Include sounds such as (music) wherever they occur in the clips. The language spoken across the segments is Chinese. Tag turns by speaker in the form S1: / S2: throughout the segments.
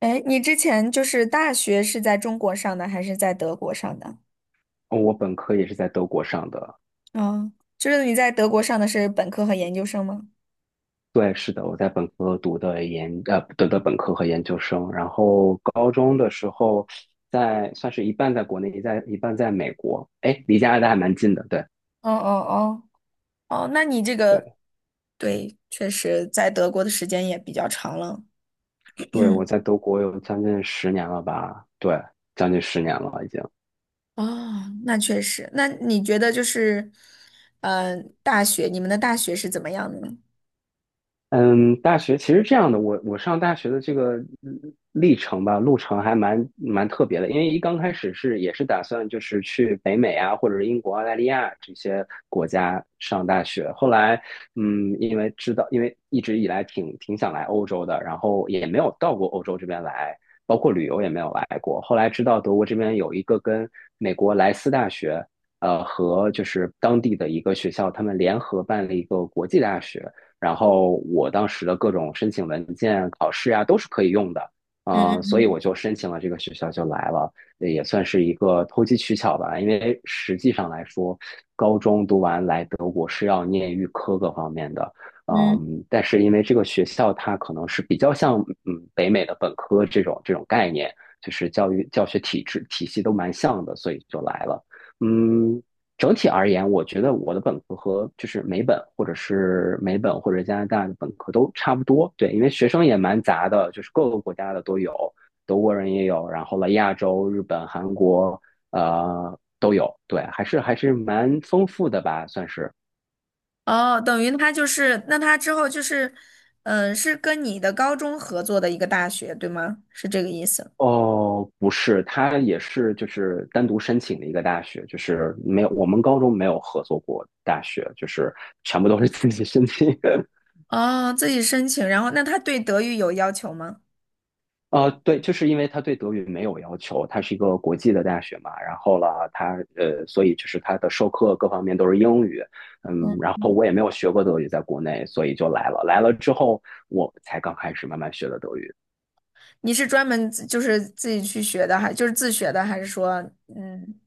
S1: 哎，你之前就是大学是在中国上的还是在德国上的？
S2: 哦我本科也是在德国上的，
S1: 嗯。就是你在德国上的是本科和研究生吗？
S2: 对，是的，我在本科读的本科和研究生，然后高中的时候在算是一半在国内，一半在美国，哎，离加拿大还蛮近的，对，
S1: 哦哦。哦哦，那你这个，
S2: 对，
S1: 对，确实在德国的时间也比较长了。
S2: 对，我在德国有将近十年了吧，对，将近十年了已经。
S1: 哦，那确实。那你觉得就是，你们的大学是怎么样的呢？
S2: 嗯，大学其实这样的，我上大学的这个嗯历程吧，路程还蛮特别的，因为一刚开始是也是打算就是去北美啊，或者是英国、澳大利亚这些国家上大学，后来因为知道，因为一直以来挺想来欧洲的，然后也没有到过欧洲这边来，包括旅游也没有来过，后来知道德国这边有一个跟美国莱斯大学。和就是当地的一个学校，他们联合办了一个国际大学，然后我当时的各种申请文件、考试啊，都是可以用的，
S1: 嗯
S2: 所以
S1: 嗯
S2: 我就申请了这个学校就来了，也算是一个投机取巧吧。因为实际上来说，高中读完来德国是要念预科各方面的，
S1: 嗯
S2: 但是因为这个学校它可能是比较像北美的本科这种概念，就是教育教学体制体系都蛮像的，所以就来了。嗯，整体而言，我觉得我的本科和就是美本或者加拿大的本科都差不多。对，因为学生也蛮杂的，就是各个国家的都有，德国人也有，然后了亚洲、日本、韩国，都有。对，还是蛮丰富的吧，算是。
S1: 嗯。哦，等于他就是，那他之后就是，嗯、是跟你的高中合作的一个大学，对吗？是这个意思。
S2: 哦，不是，他也是就是单独申请的一个大学，就是没有我们高中没有合作过大学，就是全部都是自己申请。(laughs)
S1: 哦，自己申请，然后那他对德语有要求吗？
S2: 对，就是因为他对德语没有要求，它是一个国际的大学嘛，然后了，所以就是他的授课各方面都是英语，然
S1: 嗯。
S2: 后我也没有学过德语，在国内，所以就来了，来了之后我才刚开始慢慢学的德语。
S1: 你是专门就是自己去学的，还就是自学的，还是说嗯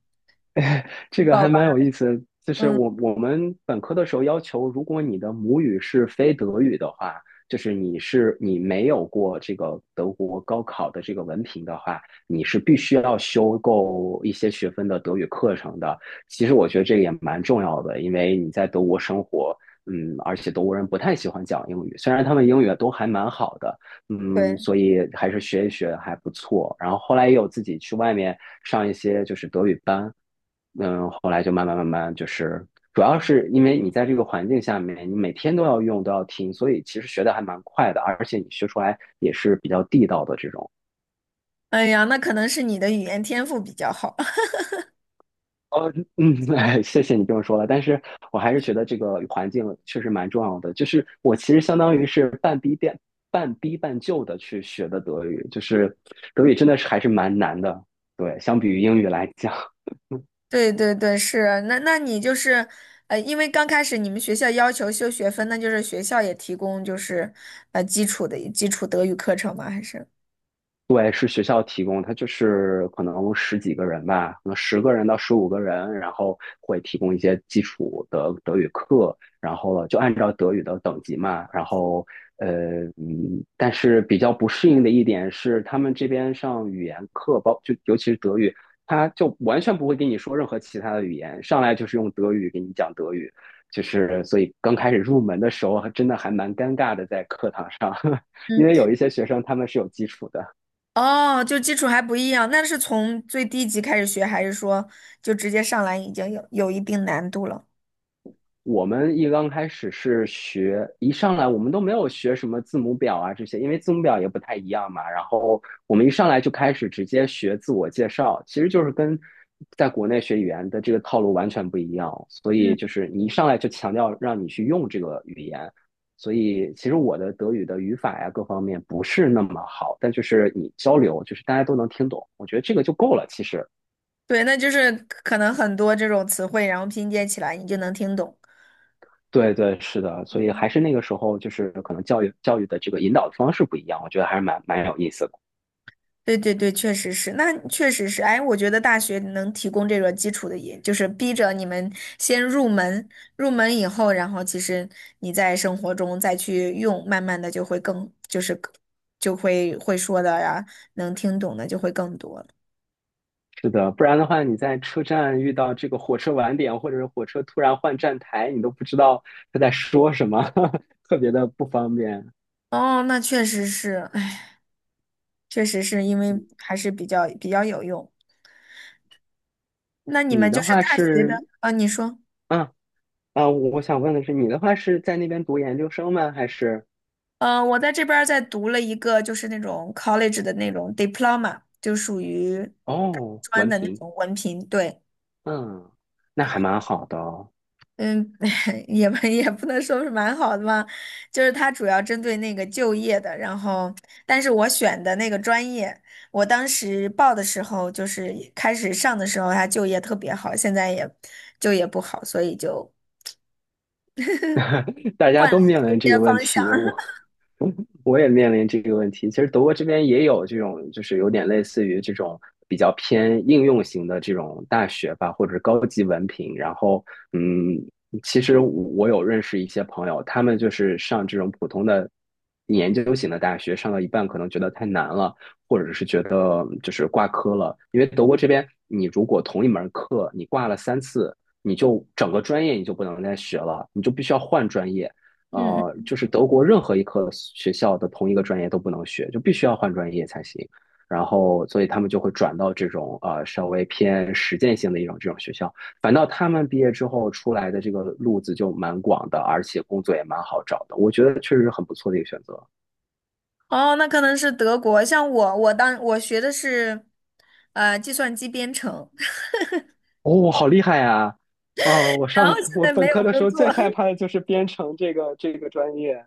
S2: (laughs)
S1: 去
S2: 这个
S1: 报
S2: 还
S1: 班？
S2: 蛮有意思的就是
S1: 嗯。
S2: 我们本科的时候要求，如果你的母语是非德语的话，就是你没有过这个德国高考的这个文凭的话，你是必须要修够一些学分的德语课程的。其实我觉得这个也蛮重要的，因为你在德国生活，而且德国人不太喜欢讲英语，虽然他们英语都还蛮好的，
S1: 对。
S2: 所以还是学一学还不错。然后后来也有自己去外面上一些就是德语班。后来就慢慢慢慢就是，主要是因为你在这个环境下面，你每天都要用，都要听，所以其实学的还蛮快的，而且你学出来也是比较地道的这种。
S1: 哎呀，那可能是你的语言天赋比较好。(laughs)
S2: 哦，嗯，(laughs) 哎，谢谢你这么说了，但是我还是觉得这个环境确实蛮重要的。就是我其实相当于是半逼半就的去学的德语，就是德语真的是还是蛮难的，对，相比于英语来讲。
S1: 对对对，是啊。那你就是，因为刚开始你们学校要求修学分，那就是学校也提供就是基础德语课程吗？还是？
S2: 对，是学校提供，它就是可能十几个人吧，可能10个人到15个人，然后会提供一些基础的德语课，然后了就按照德语的等级嘛，然后但是比较不适应的一点是，他们这边上语言课，尤其是德语，他就完全不会跟你说任何其他的语言，上来就是用德语给你讲德语，就是所以刚开始入门的时候，还真的还蛮尴尬的，在课堂上，(laughs)
S1: 嗯。
S2: 因为有一些学生他们是有基础的。
S1: 哦，就基础还不一样，那是从最低级开始学，还是说就直接上来已经有一定难度了？
S2: 我们一刚开始是学，一上来我们都没有学什么字母表啊这些，因为字母表也不太一样嘛。然后我们一上来就开始直接学自我介绍，其实就是跟在国内学语言的这个套路完全不一样。所以
S1: 嗯。
S2: 就是你一上来就强调让你去用这个语言，所以其实我的德语的语法呀各方面不是那么好，但就是你交流，就是大家都能听懂，我觉得这个就够了，其实。
S1: 对，那就是可能很多这种词汇，然后拼接起来你就能听懂。
S2: 对对，是的，所以还是那个时候，就是可能教育的这个引导方式不一样，我觉得还是蛮有意思的。
S1: 对对对，确实是，那确实是。哎，我觉得大学能提供这个基础的也，就是逼着你们先入门，入门以后，然后其实你在生活中再去用，慢慢的就会更，就是更就会会说的呀，能听懂的就会更多了。
S2: 是的，不然的话，你在车站遇到这个火车晚点，或者是火车突然换站台，你都不知道他在说什么，(laughs) 特别的不方便。
S1: 哦，那确实是。哎，确实是因为
S2: 嗯
S1: 还是比较有用。那你
S2: 你
S1: 们就
S2: 的
S1: 是
S2: 话
S1: 大学
S2: 是，
S1: 的，啊，你说。
S2: 啊我想问的是，你的话是在那边读研究生吗？还是
S1: 嗯，我在这边儿在读了一个，就是那种 college 的那种 diploma，就属于大
S2: 哦，
S1: 专
S2: 文
S1: 的那
S2: 凭？
S1: 种文凭。对。
S2: 嗯，那还蛮好的哦。
S1: 嗯。(laughs) 也不能说是蛮好的嘛，就是它主要针对那个就业的。然后，但是我选的那个专业，我当时报的时候，就是开始上的时候，它就业特别好，现在也就业不好，所以就
S2: (laughs) 大家
S1: 换了
S2: 都面
S1: 就
S2: 临这
S1: 业
S2: 个问
S1: 方向。
S2: 题，我
S1: (laughs)
S2: 我也面临这个问题。其实德国这边也有这种，就是有点类似于这种比较偏应用型的这种大学吧，或者是高级文凭。然后，嗯，其实我有认识一些朋友，他们就是上这种普通的研究型的大学，上到一半可能觉得太难了，或者是觉得就是挂科了。因为德国这边，你如果同一门课你挂了3次，你就整个专业你就不能再学了，你就必须要换专业。
S1: 嗯。
S2: 就是德国任何一科学校的同一个专业都不能学，就必须要换专业才行。然后，所以他们就会转到这种稍微偏实践性的一种这种学校。反倒他们毕业之后出来的这个路子就蛮广的，而且工作也蛮好找的。我觉得确实是很不错的一个选择。
S1: 哦，那可能是德国。像我，我当我学的是，计算机编程。(laughs)
S2: 哦，好厉害呀！哦，我
S1: 然后
S2: 上
S1: 现
S2: 我
S1: 在没
S2: 本
S1: 有
S2: 科的时
S1: 工
S2: 候
S1: 作。
S2: 最害怕
S1: (laughs)
S2: 的就是编程这个专业。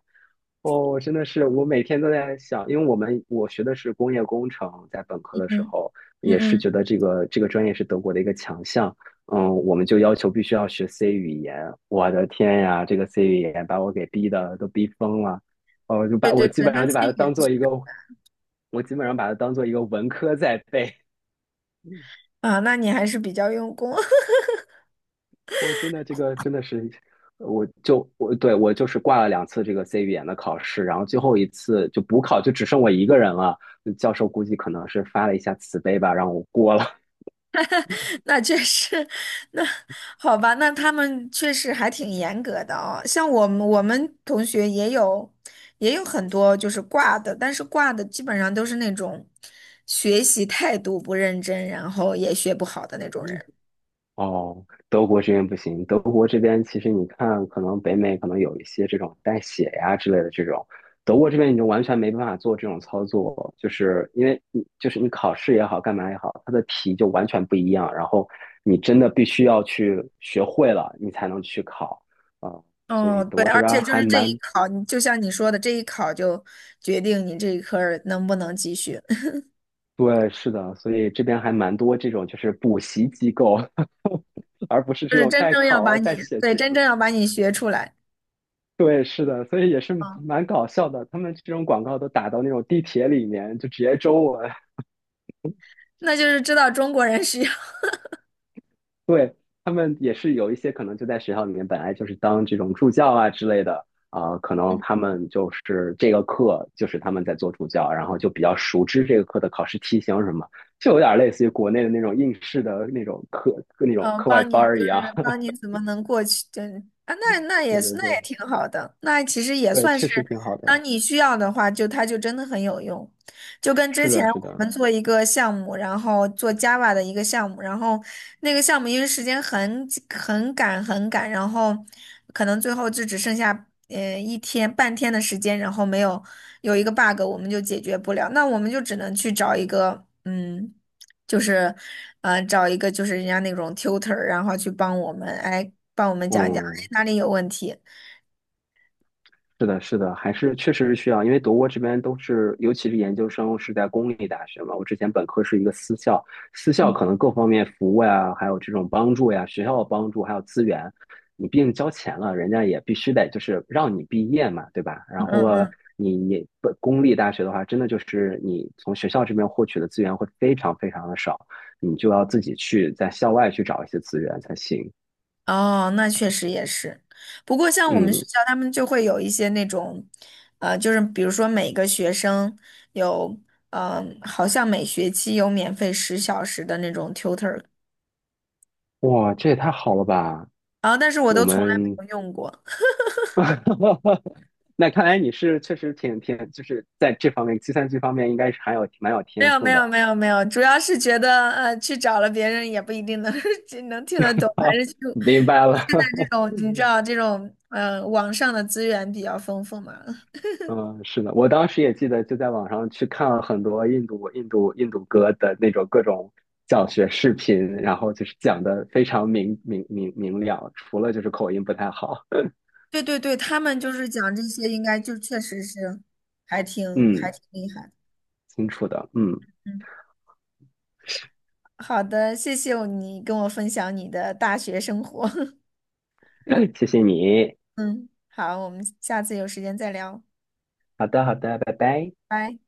S2: 哦，真的是，我每天都在想，因为我学的是工业工程，在本科的时
S1: 嗯
S2: 候
S1: 嗯
S2: 也是
S1: 嗯。
S2: 觉得这个专业是德国的一个强项，我们就要求必须要学 C 语言，我的天呀，这个 C 语言把我给逼的都逼疯了，哦，就
S1: 对
S2: 把我
S1: 对
S2: 基
S1: 对。
S2: 本上
S1: 那
S2: 就
S1: 是
S2: 把它
S1: 研
S2: 当做
S1: 究
S2: 一个，我基本上把它当做一个文科在背，(laughs)
S1: 啊。那你还是比较用功。
S2: 我真的这个真的是，我就是挂了2次这个 C 语言的考试，然后最后一次就补考，就只剩我一个人了。教授估计可能是发了一下慈悲吧，让我过了。
S1: (laughs) 那确实。那好吧，
S2: (laughs)
S1: 那他们确实还挺严格的哦。像我们同学也有很多就是挂的，但是挂的基本上都是那种学习态度不认真，然后也学不好的那种
S2: 嗯
S1: 人。
S2: 哦，德国这边不行。德国这边其实你看，可能北美可能有一些这种带血呀之类的这种，德国这边你就完全没办法做这种操作，就是因为你就是你考试也好，干嘛也好，它的题就完全不一样，然后你真的必须要去学会了，你才能去考啊。所以
S1: 哦，
S2: 德
S1: 对，
S2: 国这
S1: 而且
S2: 边
S1: 就
S2: 还
S1: 是这一
S2: 蛮，
S1: 考，你就像你说的，这一考就决定你这一科儿能不能继续。
S2: 对，是的，所以这边还蛮多这种就是补习机构，(laughs) 而不是
S1: (laughs) 就
S2: 这
S1: 是
S2: 种
S1: 真
S2: 代
S1: 正要
S2: 考
S1: 把
S2: 啊、
S1: 你，
S2: 代写
S1: 对，
S2: 题
S1: 真
S2: 出。
S1: 正要把你学出来。
S2: 对，是的，所以也是
S1: 嗯。
S2: 蛮搞笑的。他们这种广告都打到那种地铁里面，就直接中文。(laughs)
S1: 那就是知道中国人是要
S2: 对，他们也是有一些可能就在学校里面，本来就是当这种助教啊之类的啊、可能他们就是这个课就是他们在做助教，然后就比较熟知这个课的考试题型什么，就有点类似于国内的那种应试的那种
S1: 嗯，
S2: 课外
S1: 帮你
S2: 班儿
S1: 就
S2: 一
S1: 是
S2: 样。
S1: 帮
S2: (laughs)
S1: 你怎么能过去？对啊，那
S2: 对
S1: 也
S2: 对
S1: 是，那也
S2: 对
S1: 挺好的，那其实也
S2: 对，
S1: 算
S2: 确
S1: 是，
S2: 实挺好
S1: 当
S2: 的。
S1: 你需要的话，就它就真的很有用。就跟之
S2: 是
S1: 前
S2: 的，是
S1: 我
S2: 的，
S1: 们做一个项目，然后做 Java 的一个项目，然后那个项目因为时间很赶很赶，然后可能最后就只剩下一天半天的时间，然后没有有一个 bug，我们就解决不了，那我们就只能去找一个就是，找一个就是人家那种 tutor，然后去帮我们，哎，帮我们讲一讲，哎，
S2: 嗯。
S1: 哪里有问题？
S2: 是的，是的，还是确实是需要，因为德国这边都是，尤其是研究生是在公立大学嘛。我之前本科是一个私校，私校可能各方面服务呀，还有这种帮助呀，学校的帮助还有资源，你毕竟交钱了，人家也必须得就是让你毕业嘛，对吧？
S1: 嗯
S2: 然后了，
S1: 嗯。
S2: 你本公立大学的话，真的就是你从学校这边获取的资源会非常非常的少，你就要自己去在校外去找一些资源才行。
S1: 哦，那确实也是。不过像我们学
S2: 嗯，
S1: 校，他们就会有一些那种，就是比如说每个学生有，好像每学期有免费10小时的那种 tutor，
S2: 哇，这也太好了吧！
S1: 然后但是我
S2: 我
S1: 都从来
S2: 们
S1: 没有用过。
S2: (laughs) 那看来你是确实挺，就是在这方面计算机方面应该是还有蛮有
S1: 没
S2: 天
S1: 有没
S2: 赋
S1: 有
S2: 的。
S1: 没有没有，主要是觉得去找了别人也不一定能 (laughs) 就能听得懂，还是就
S2: 明白了，
S1: 现在这种你知道这种网上的资源比较丰富嘛。
S2: (laughs) 嗯，是的，我当时也记得就在网上去看了很多印度歌的那种各种教学视频，然后就是讲的非常明了，除了就是口音不太好，
S1: 对对对，他们就是讲这些，应该就确实是还
S2: 嗯，
S1: 挺厉害的。
S2: 清楚的，
S1: 嗯，好的，谢谢你跟我分享你的大学生活。(laughs)
S2: (coughs) (laughs) 谢谢你，
S1: 嗯，好，我们下次有时间再聊。
S2: 好的好的，拜拜。
S1: 拜。